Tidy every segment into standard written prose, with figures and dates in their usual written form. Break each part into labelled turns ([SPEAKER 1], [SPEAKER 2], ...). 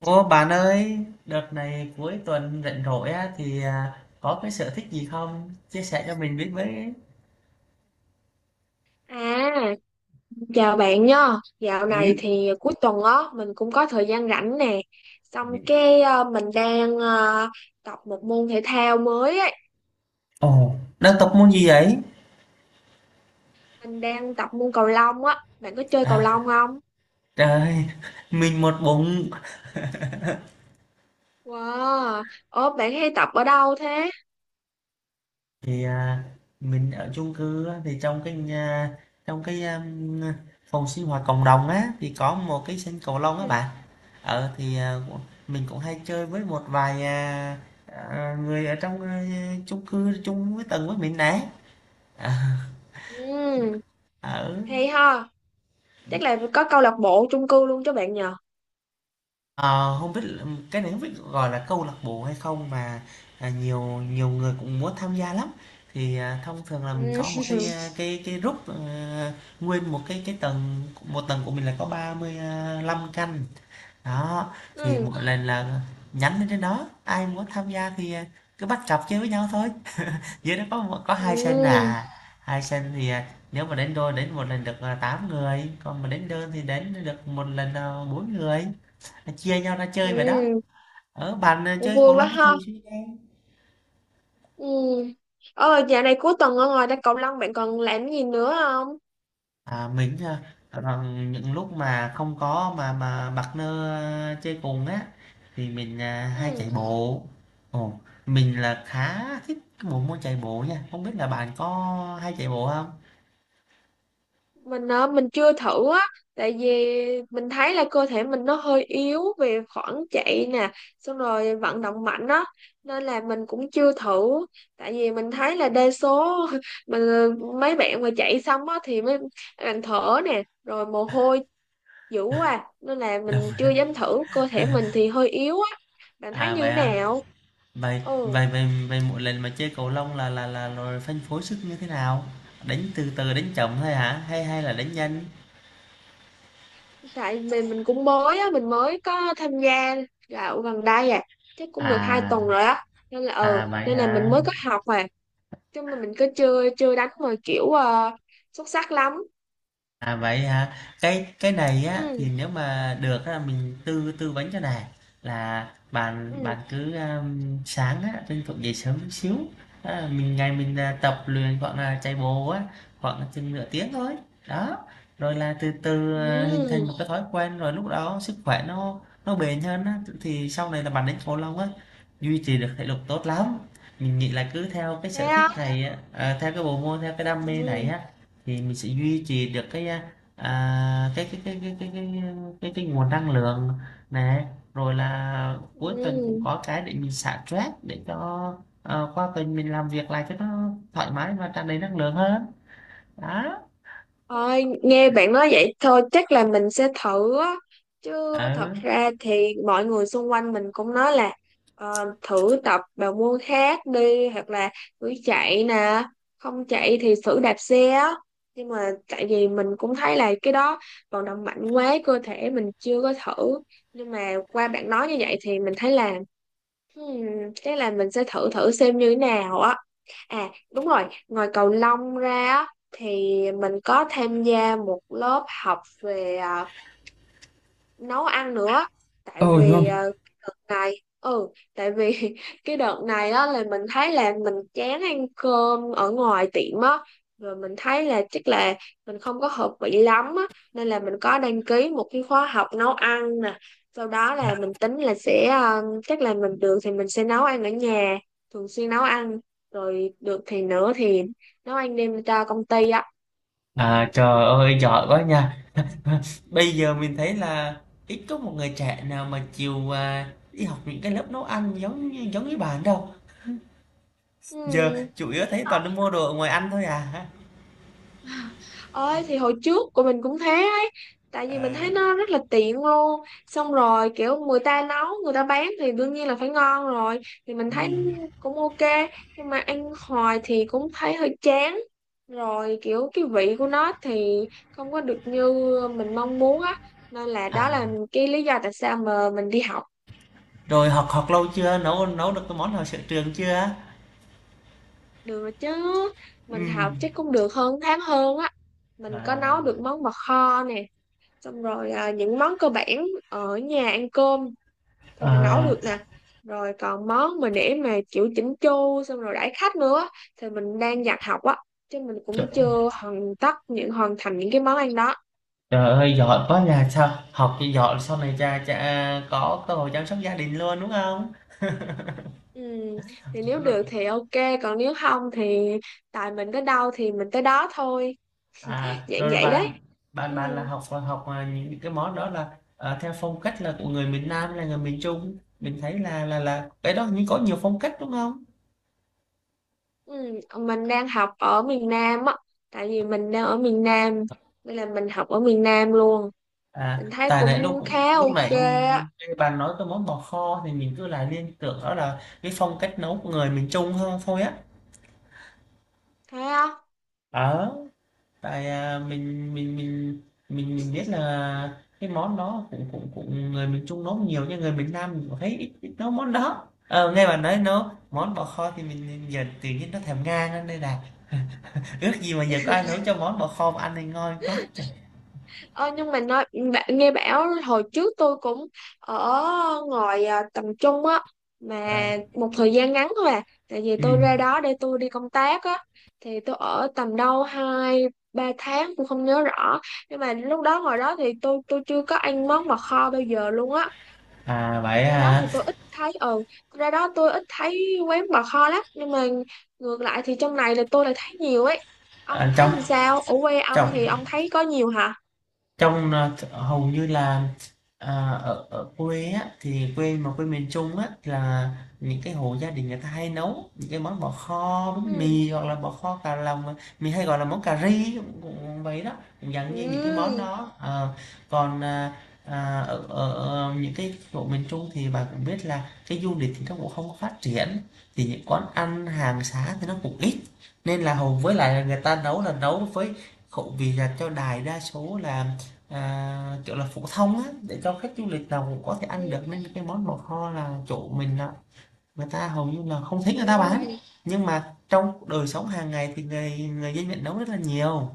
[SPEAKER 1] Ô bạn ơi, đợt này cuối tuần rảnh rỗi á, có cái sở thích gì không? Chia sẻ cho mình biết với.
[SPEAKER 2] À, chào bạn nha. Dạo
[SPEAKER 1] Ừ.
[SPEAKER 2] này thì cuối tuần á mình cũng có thời gian rảnh nè. Xong cái mình đang tập một môn thể thao mới ấy.
[SPEAKER 1] Ồ, đang tập môn gì ấy?
[SPEAKER 2] Mình đang tập môn cầu lông á. Bạn có chơi cầu
[SPEAKER 1] À,
[SPEAKER 2] lông không?
[SPEAKER 1] trời, mình một bụng
[SPEAKER 2] Wow. Ủa bạn hay tập ở đâu thế?
[SPEAKER 1] thì à, mình ở chung cư á, thì trong cái nhà, trong cái phòng sinh hoạt cộng đồng á thì có một cái sân cầu lông á
[SPEAKER 2] Ừ.
[SPEAKER 1] bạn. Ờ thì à, cũng- mình cũng hay chơi với một vài người ở trong chung cư chung với tầng với mình nè.
[SPEAKER 2] Ừ,
[SPEAKER 1] Ở,
[SPEAKER 2] hay ha. Chắc là có câu lạc bộ chung cư luôn cho bạn nhờ.
[SPEAKER 1] ờ, không biết cái này không biết gọi là câu lạc bộ hay không mà, nhiều nhiều người cũng muốn tham gia lắm. Thông thường là
[SPEAKER 2] Ừ.
[SPEAKER 1] mình có một cái, cái group, nguyên một cái tầng một tầng của mình là có 35 căn. Đó, thì một
[SPEAKER 2] Ừ.
[SPEAKER 1] lần là nhắn lên trên đó, ai muốn tham gia thì cứ bắt cặp chơi với nhau thôi. Dưới đó có một có hai sân
[SPEAKER 2] Ừ.
[SPEAKER 1] à, hai sân thì nếu mà đến đôi đến một lần được, 8 người, còn mà đến đơn thì đến được một lần, 4 người. Chia nhau ra chơi vậy đó,
[SPEAKER 2] Ừ.
[SPEAKER 1] ở bạn à,
[SPEAKER 2] Cũng
[SPEAKER 1] chơi
[SPEAKER 2] vui
[SPEAKER 1] cầu
[SPEAKER 2] quá
[SPEAKER 1] lông có
[SPEAKER 2] ha.
[SPEAKER 1] thường xuyên không?
[SPEAKER 2] Ừ. Ờ, dạo này cuối tuần ở ngoài đá cầu lông bạn còn làm gì nữa không?
[SPEAKER 1] à mình à, rằng những lúc mà không có mà partner chơi cùng á thì mình hay
[SPEAKER 2] Ừ.
[SPEAKER 1] chạy bộ. Ồ, mình là khá thích cái bộ môn chạy bộ nha, không biết là bạn có hay chạy bộ không?
[SPEAKER 2] Mình mình chưa thử á, tại vì mình thấy là cơ thể mình nó hơi yếu về khoảng chạy nè, xong rồi vận động mạnh á, nên là mình cũng chưa thử. Tại vì mình thấy là đa số mình mấy bạn mà chạy xong á thì mới làm thở nè, rồi mồ hôi dữ quá, nên là mình
[SPEAKER 1] Đúng
[SPEAKER 2] chưa
[SPEAKER 1] rồi.
[SPEAKER 2] dám thử. Cơ thể mình thì hơi yếu á, bạn thấy
[SPEAKER 1] à
[SPEAKER 2] như
[SPEAKER 1] vậy
[SPEAKER 2] thế
[SPEAKER 1] à
[SPEAKER 2] nào?
[SPEAKER 1] vậy
[SPEAKER 2] Ừ.
[SPEAKER 1] vậy vậy vậy mỗi lần mà chơi cầu lông là rồi phân phối sức như thế nào, đánh từ từ đánh chậm thôi hả hay hay là đánh nhanh?
[SPEAKER 2] Tại mình cũng mới á, mình mới có tham gia dạo gần đây à, chắc cũng được hai
[SPEAKER 1] à
[SPEAKER 2] tuần rồi á, nên là ừ,
[SPEAKER 1] vậy
[SPEAKER 2] nên là mình
[SPEAKER 1] hả?
[SPEAKER 2] mới có học mà. Chứ mà mình cứ chưa chưa đánh mà kiểu xuất sắc lắm.
[SPEAKER 1] À, vậy hả? Cái này á thì
[SPEAKER 2] Ừ.
[SPEAKER 1] nếu mà được á mình tư tư vấn cho này là bạn
[SPEAKER 2] Ừ.
[SPEAKER 1] bạn cứ sáng á tranh thủ dậy sớm chút xíu. À, mình ngày mình tập luyện khoảng là chạy bộ á khoảng chừng nửa tiếng thôi. Đó. Rồi là từ từ hình thành
[SPEAKER 2] Ừ.
[SPEAKER 1] một cái thói quen rồi lúc đó sức khỏe nó bền hơn á, thì sau này là bạn đến cầu lông á duy trì được thể lực tốt lắm. Mình nghĩ là cứ theo cái
[SPEAKER 2] Thế
[SPEAKER 1] sở thích
[SPEAKER 2] á.
[SPEAKER 1] này á, theo cái bộ môn theo cái đam
[SPEAKER 2] Ừ.
[SPEAKER 1] mê này á thì mình sẽ duy trì được cái à, à, cái nguồn năng lượng này, rồi là cuối tuần cũng
[SPEAKER 2] Ừ.
[SPEAKER 1] có cái để mình xả stress để cho qua tuần mình làm việc lại cho nó thoải mái và tràn đầy năng lượng hơn đó.
[SPEAKER 2] Thôi, nghe bạn nói vậy thôi chắc là mình sẽ thử á. Chứ thật
[SPEAKER 1] Ừ.
[SPEAKER 2] ra thì mọi người xung quanh mình cũng nói là ờ, thử tập bài môn khác đi hoặc là thử chạy nè, không chạy thì thử đạp xe á. Nhưng mà tại vì mình cũng thấy là cái đó vận động mạnh quá, cơ thể mình chưa có thử. Nhưng mà qua bạn nói như vậy thì mình thấy là hmm, chắc là mình sẽ thử thử xem như thế nào á. À, đúng rồi, ngoài cầu lông ra á, thì mình có tham gia một lớp học về à, nấu ăn nữa. Tại
[SPEAKER 1] Ồ ngon.
[SPEAKER 2] vì ờ, cái đợt này, ừ, tại vì cái đợt này á là mình thấy là mình chán ăn cơm ở ngoài tiệm á. Rồi mình thấy là chắc là mình không có hợp vị lắm á, nên là mình có đăng ký một cái khóa học nấu ăn nè. Sau đó là mình tính là sẽ ờ, chắc là mình được thì mình sẽ nấu ăn ở nhà, thường xuyên nấu ăn, rồi được thì nữa thì nấu ăn đem cho công ty á.
[SPEAKER 1] À, trời ơi giỏi quá nha. Bây giờ mình thấy là ít có một người trẻ nào mà chịu đi học những cái lớp nấu ăn giống như bạn đâu,
[SPEAKER 2] Ừ,
[SPEAKER 1] giờ chủ yếu
[SPEAKER 2] vậy
[SPEAKER 1] thấy
[SPEAKER 2] thôi.
[SPEAKER 1] toàn đi mua đồ ở ngoài ăn thôi à.
[SPEAKER 2] Ơi thì hồi trước của mình cũng thế ấy, tại vì mình
[SPEAKER 1] À.
[SPEAKER 2] thấy nó rất là tiện luôn. Xong rồi kiểu người ta nấu người ta bán thì đương nhiên là phải ngon rồi, thì mình thấy
[SPEAKER 1] Ừ.
[SPEAKER 2] cũng ok. Nhưng mà ăn hoài thì cũng thấy hơi chán, rồi kiểu cái vị của nó thì không có được như mình mong muốn á, nên là đó
[SPEAKER 1] À,
[SPEAKER 2] là cái lý do tại sao mà mình đi học.
[SPEAKER 1] rồi học học lâu chưa? Nấu nấu được cái món nào sở trường chưa?
[SPEAKER 2] Được rồi chứ,
[SPEAKER 1] Ừ.
[SPEAKER 2] mình học chắc cũng được hơn tháng hơn á. Mình có
[SPEAKER 1] À.
[SPEAKER 2] nấu được món bò kho nè, xong rồi à, những món cơ bản ở nhà ăn cơm thì mình nấu
[SPEAKER 1] à,
[SPEAKER 2] được nè. Rồi còn món mà để mà kiểu chỉnh chu xong rồi đãi khách nữa á, thì mình đang dạy học á, chứ mình
[SPEAKER 1] trời,
[SPEAKER 2] cũng chưa hoàn tất những hoàn thành những cái món ăn đó.
[SPEAKER 1] trời ơi giỏi quá nhà, sao học thì giỏi sau này cha cha có cơ hội chăm sóc gia đình luôn đúng không?
[SPEAKER 2] Ừ, thì nếu
[SPEAKER 1] Rồi,
[SPEAKER 2] được thì ok, còn nếu không thì tài mình tới đâu thì mình tới đó thôi,
[SPEAKER 1] à,
[SPEAKER 2] dạng
[SPEAKER 1] rồi, rồi
[SPEAKER 2] vậy đấy.
[SPEAKER 1] bạn bạn
[SPEAKER 2] Ừ,
[SPEAKER 1] bạn là học học à, những cái món đó là à, theo phong cách là của người miền Nam hay là người miền Trung? Mình thấy là cái đó như có nhiều phong cách đúng không?
[SPEAKER 2] ừ. Mình đang học ở miền Nam á, tại vì mình đang ở miền Nam, nên là mình học ở miền Nam luôn. Mình
[SPEAKER 1] À,
[SPEAKER 2] thấy
[SPEAKER 1] tại nãy lúc
[SPEAKER 2] cũng khá
[SPEAKER 1] lúc
[SPEAKER 2] ok
[SPEAKER 1] nãy
[SPEAKER 2] á.
[SPEAKER 1] nghe bạn nói tới món bò kho thì mình cứ lại liên tưởng đó là cái phong cách nấu của người miền Trung hơn thôi á.
[SPEAKER 2] Thế á?
[SPEAKER 1] Ờ, tại mình biết là cái món đó cũng cũng cũng người miền Trung nấu nhiều nhưng người miền Nam mình cũng thấy ít, ít nấu món đó. Ờ, nghe bạn nói nấu món bò kho thì mình giờ tự nhiên nó thèm ngang lên đây này. Ước gì mà giờ có ai nấu cho món bò kho mà ăn thì ngon quá trời.
[SPEAKER 2] Ờ, nhưng mà nói bạn nghe, bảo hồi trước tôi cũng ở ngoài à, tầm trung á,
[SPEAKER 1] À.
[SPEAKER 2] mà một thời gian ngắn thôi à, tại vì
[SPEAKER 1] Ừ.
[SPEAKER 2] tôi ra đó để tôi đi công tác á. Thì tôi ở tầm đâu hai ba tháng cũng không nhớ rõ, nhưng mà lúc đó ngoài đó thì tôi chưa có ăn món bò kho bao giờ luôn á.
[SPEAKER 1] À vậy
[SPEAKER 2] Ra đó thì
[SPEAKER 1] hả?
[SPEAKER 2] tôi ít thấy, ừ, ra đó tôi ít thấy quán bò kho lắm, nhưng mà ngược lại thì trong này là tôi lại thấy nhiều ấy. Ông
[SPEAKER 1] À,
[SPEAKER 2] thấy
[SPEAKER 1] trong
[SPEAKER 2] làm sao, ở quê ông
[SPEAKER 1] trong
[SPEAKER 2] thì ông thấy có nhiều hả?
[SPEAKER 1] Trong, ờ, hầu như là, à, ở ở quê á, thì quê mà quê miền Trung á, là những cái hộ gia đình người ta hay nấu những cái món bò kho bánh
[SPEAKER 2] Ừ.
[SPEAKER 1] mì hoặc là bò kho cà lòng, mà mình hay gọi là món cà ri cũng cũng vậy đó, cũng dạng như những cái món
[SPEAKER 2] Ừ.
[SPEAKER 1] đó. Ờ, còn, ở ở ở những cái chỗ miền Trung thì bà cũng biết là cái du lịch thì nó cũng không có phát triển, thì những quán ăn hàng xá thì nó cũng ít, nên là hầu với lại là người ta nấu là nấu với khẩu vị là cho đại đa số là kiểu là phổ thông á để cho khách du lịch nào cũng có thể ăn
[SPEAKER 2] Ừ.
[SPEAKER 1] được nên cái món lò kho là chỗ mình á người ta hầu như là không
[SPEAKER 2] Ừ.
[SPEAKER 1] thấy người ta bán,
[SPEAKER 2] Ừ.
[SPEAKER 1] nhưng mà trong đời sống hàng ngày thì người người dân Việt nấu rất là nhiều.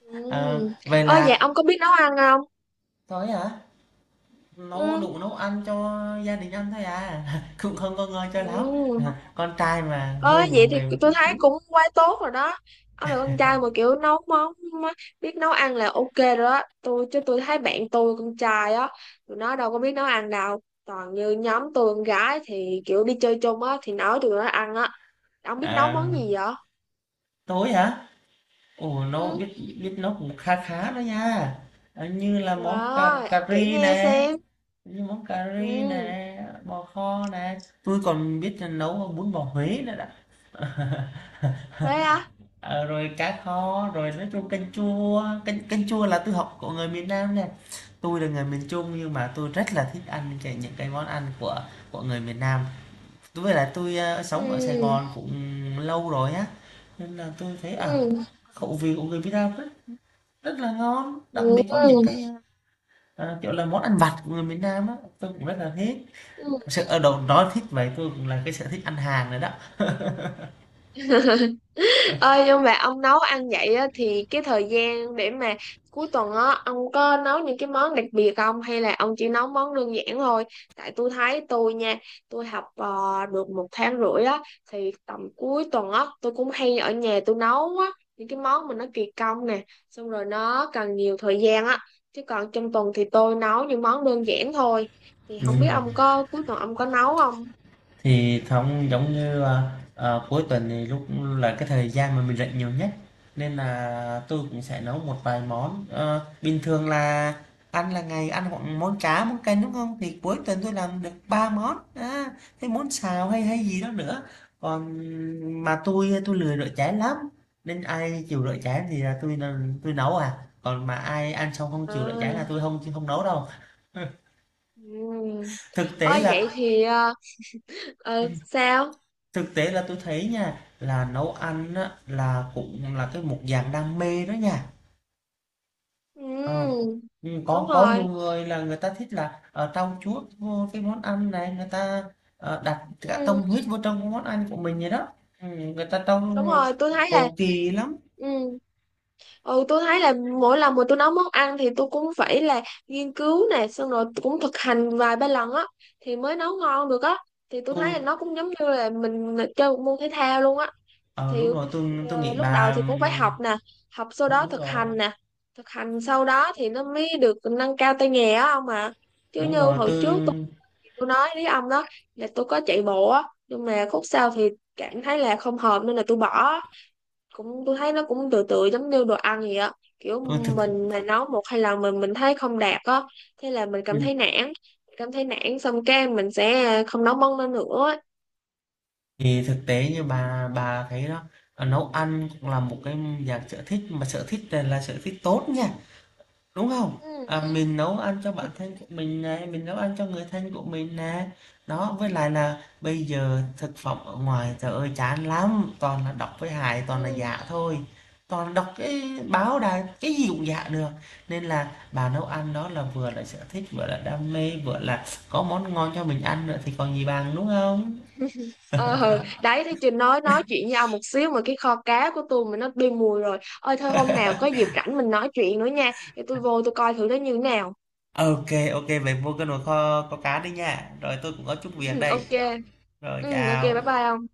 [SPEAKER 2] Ừ.
[SPEAKER 1] À, vậy
[SPEAKER 2] Ơ vậy
[SPEAKER 1] là
[SPEAKER 2] ông có biết nấu ăn không?
[SPEAKER 1] thôi hả,
[SPEAKER 2] Ừ.
[SPEAKER 1] nấu đủ nấu ăn cho gia đình ăn thôi à. Cũng không có ngon cho lắm,
[SPEAKER 2] Ừ.
[SPEAKER 1] con trai mà
[SPEAKER 2] Ơ
[SPEAKER 1] hơi
[SPEAKER 2] vậy
[SPEAKER 1] vụng
[SPEAKER 2] thì
[SPEAKER 1] về một chút
[SPEAKER 2] tôi
[SPEAKER 1] xíu.
[SPEAKER 2] thấy cũng quá tốt rồi đó. Ông là con trai mà kiểu nấu món, biết nấu ăn là ok rồi đó. Tôi, chứ tôi thấy bạn tôi con trai á, tụi nó đâu có biết nấu ăn đâu. Toàn như nhóm tôi con gái thì kiểu đi chơi chung á thì nói tụi nó ăn á. Ông biết nấu món
[SPEAKER 1] à,
[SPEAKER 2] gì vậy?
[SPEAKER 1] tối hả? Ồ, nó
[SPEAKER 2] Ừ.
[SPEAKER 1] biết, biết nó cũng khá khá đó nha. À, như là món cà,
[SPEAKER 2] Wow,
[SPEAKER 1] cà
[SPEAKER 2] kể
[SPEAKER 1] ri
[SPEAKER 2] nghe
[SPEAKER 1] nè,
[SPEAKER 2] xem.
[SPEAKER 1] như món cà ri
[SPEAKER 2] Ừ,
[SPEAKER 1] nè, bò kho nè, tôi còn biết nấu bún bò Huế nữa đó.
[SPEAKER 2] thế á.
[SPEAKER 1] Ờ, rồi cá kho rồi nói chung canh chua, canh canh chua là tôi học của người miền Nam nè, tôi là người miền Trung nhưng mà tôi rất là thích ăn cái, những cái món ăn của người miền Nam. Tôi với lại tôi sống ở Sài
[SPEAKER 2] Ừ.
[SPEAKER 1] Gòn cũng lâu rồi á nên là tôi thấy à
[SPEAKER 2] Ừ.
[SPEAKER 1] khẩu vị của người miền Nam rất rất là ngon, đặc
[SPEAKER 2] Ừ.
[SPEAKER 1] biệt có những cái kiểu là món ăn vặt của người miền Nam á tôi cũng rất là thích. Thực
[SPEAKER 2] Ừ.
[SPEAKER 1] sự, đầu nói thích vậy, tôi cũng là cái sở thích ăn hàng nữa đó.
[SPEAKER 2] Ơi nhưng mà ông nấu ăn vậy á, thì cái thời gian để mà cuối tuần á ông có nấu những cái món đặc biệt không hay là ông chỉ nấu món đơn giản thôi? Tại tôi thấy tôi nha, tôi học được một tháng rưỡi á, thì tầm cuối tuần á tôi cũng hay ở nhà tôi nấu á những cái món mà nó kỳ công nè, xong rồi nó cần nhiều thời gian á. Chứ còn trong tuần thì tôi nấu những món đơn giản thôi. Thì không
[SPEAKER 1] Đúng
[SPEAKER 2] biết
[SPEAKER 1] rồi.
[SPEAKER 2] ông có cuối tuần ông có nấu không?
[SPEAKER 1] Thì không giống như à, à, cuối tuần thì lúc là cái thời gian mà mình rảnh nhiều nhất, nên là tôi cũng sẽ nấu một vài món. Ờ, bình thường là ăn là ngày ăn khoảng món cá món canh đúng không, thì cuối tuần tôi làm được ba món, cái món xào hay hay gì đó nữa. Còn mà tôi lười rửa chén lắm nên ai chịu rửa chén thì là tôi nấu à, còn mà ai ăn xong không chịu rửa chén
[SPEAKER 2] À,
[SPEAKER 1] là tôi không không nấu đâu.
[SPEAKER 2] ừ.
[SPEAKER 1] thực tế
[SPEAKER 2] Ơi vậy
[SPEAKER 1] là
[SPEAKER 2] thì ờ, ừ sao?
[SPEAKER 1] Thực tế là tôi thấy nha, là nấu ăn á, là cũng là cái một dạng đam mê đó nha. Ờ,
[SPEAKER 2] Ừ
[SPEAKER 1] ừ,
[SPEAKER 2] đúng
[SPEAKER 1] có nhiều
[SPEAKER 2] rồi.
[SPEAKER 1] người là người ta thích là trau chuốt vô cái món ăn này, người ta đặt cả tâm
[SPEAKER 2] Ừ
[SPEAKER 1] huyết vô trong cái món ăn của mình vậy đó. Ừ, người ta
[SPEAKER 2] đúng
[SPEAKER 1] trông
[SPEAKER 2] rồi, tôi thấy là,
[SPEAKER 1] cầu kỳ lắm.
[SPEAKER 2] ừ, ừ, tôi thấy là mỗi lần mà tôi nấu món ăn thì tôi cũng phải là nghiên cứu nè, xong rồi cũng thực hành vài ba lần á, thì mới nấu ngon được á. Thì tôi thấy là
[SPEAKER 1] Tôi,
[SPEAKER 2] nó cũng giống như là mình chơi một môn thể thao luôn á.
[SPEAKER 1] ờ
[SPEAKER 2] Thì
[SPEAKER 1] đúng rồi, tôi nghĩ
[SPEAKER 2] lúc đầu thì
[SPEAKER 1] bà,
[SPEAKER 2] cũng phải học nè, học sau
[SPEAKER 1] ừ,
[SPEAKER 2] đó thực hành nè, thực hành sau đó thì nó mới được nâng cao tay nghề á không mà. Chứ
[SPEAKER 1] đúng
[SPEAKER 2] như
[SPEAKER 1] rồi,
[SPEAKER 2] hồi trước tôi nói với ông đó, là tôi có chạy bộ á nhưng mà khúc sau thì cảm thấy là không hợp nên là tôi bỏ. Cũng tôi thấy nó cũng tự tự giống như đồ ăn vậy á, kiểu
[SPEAKER 1] tôi thực,
[SPEAKER 2] mình mà nấu một hai lần mình thấy không đạt á, thế là mình
[SPEAKER 1] ừ,
[SPEAKER 2] cảm thấy nản. Cảm thấy nản xong cái mình sẽ không nấu món đó nữa á.
[SPEAKER 1] thì thực tế như bà thấy đó, nấu ăn cũng là một cái dạng sở thích mà sở thích này là sở thích tốt nha đúng không?
[SPEAKER 2] Ừ.
[SPEAKER 1] Mình nấu ăn cho
[SPEAKER 2] Ừ.
[SPEAKER 1] bản thân của mình này, mình nấu ăn cho người thân của mình nè đó, với lại là bây giờ thực phẩm ở ngoài trời ơi chán lắm, toàn là độc với hại toàn là
[SPEAKER 2] Ừ.
[SPEAKER 1] giả thôi, toàn đọc cái báo đài cái gì cũng giả được, nên là bà nấu ăn đó là vừa là sở thích vừa là đam mê vừa là có món ngon cho mình ăn nữa thì còn gì bằng đúng không?
[SPEAKER 2] Ờ đấy, thì chị nói chuyện với ông một xíu mà cái kho cá của tôi mà nó đi mùi rồi. Ơi thôi, hôm nào có dịp rảnh mình nói chuyện nữa nha, để tôi vô tôi coi thử nó như thế nào.
[SPEAKER 1] OK, OK, vậy vô cái nồi kho có cá đi nha. Rồi tôi cũng có chút việc đây.
[SPEAKER 2] Ok.
[SPEAKER 1] Rồi
[SPEAKER 2] Ừ, ok,
[SPEAKER 1] chào.
[SPEAKER 2] bye bye ông.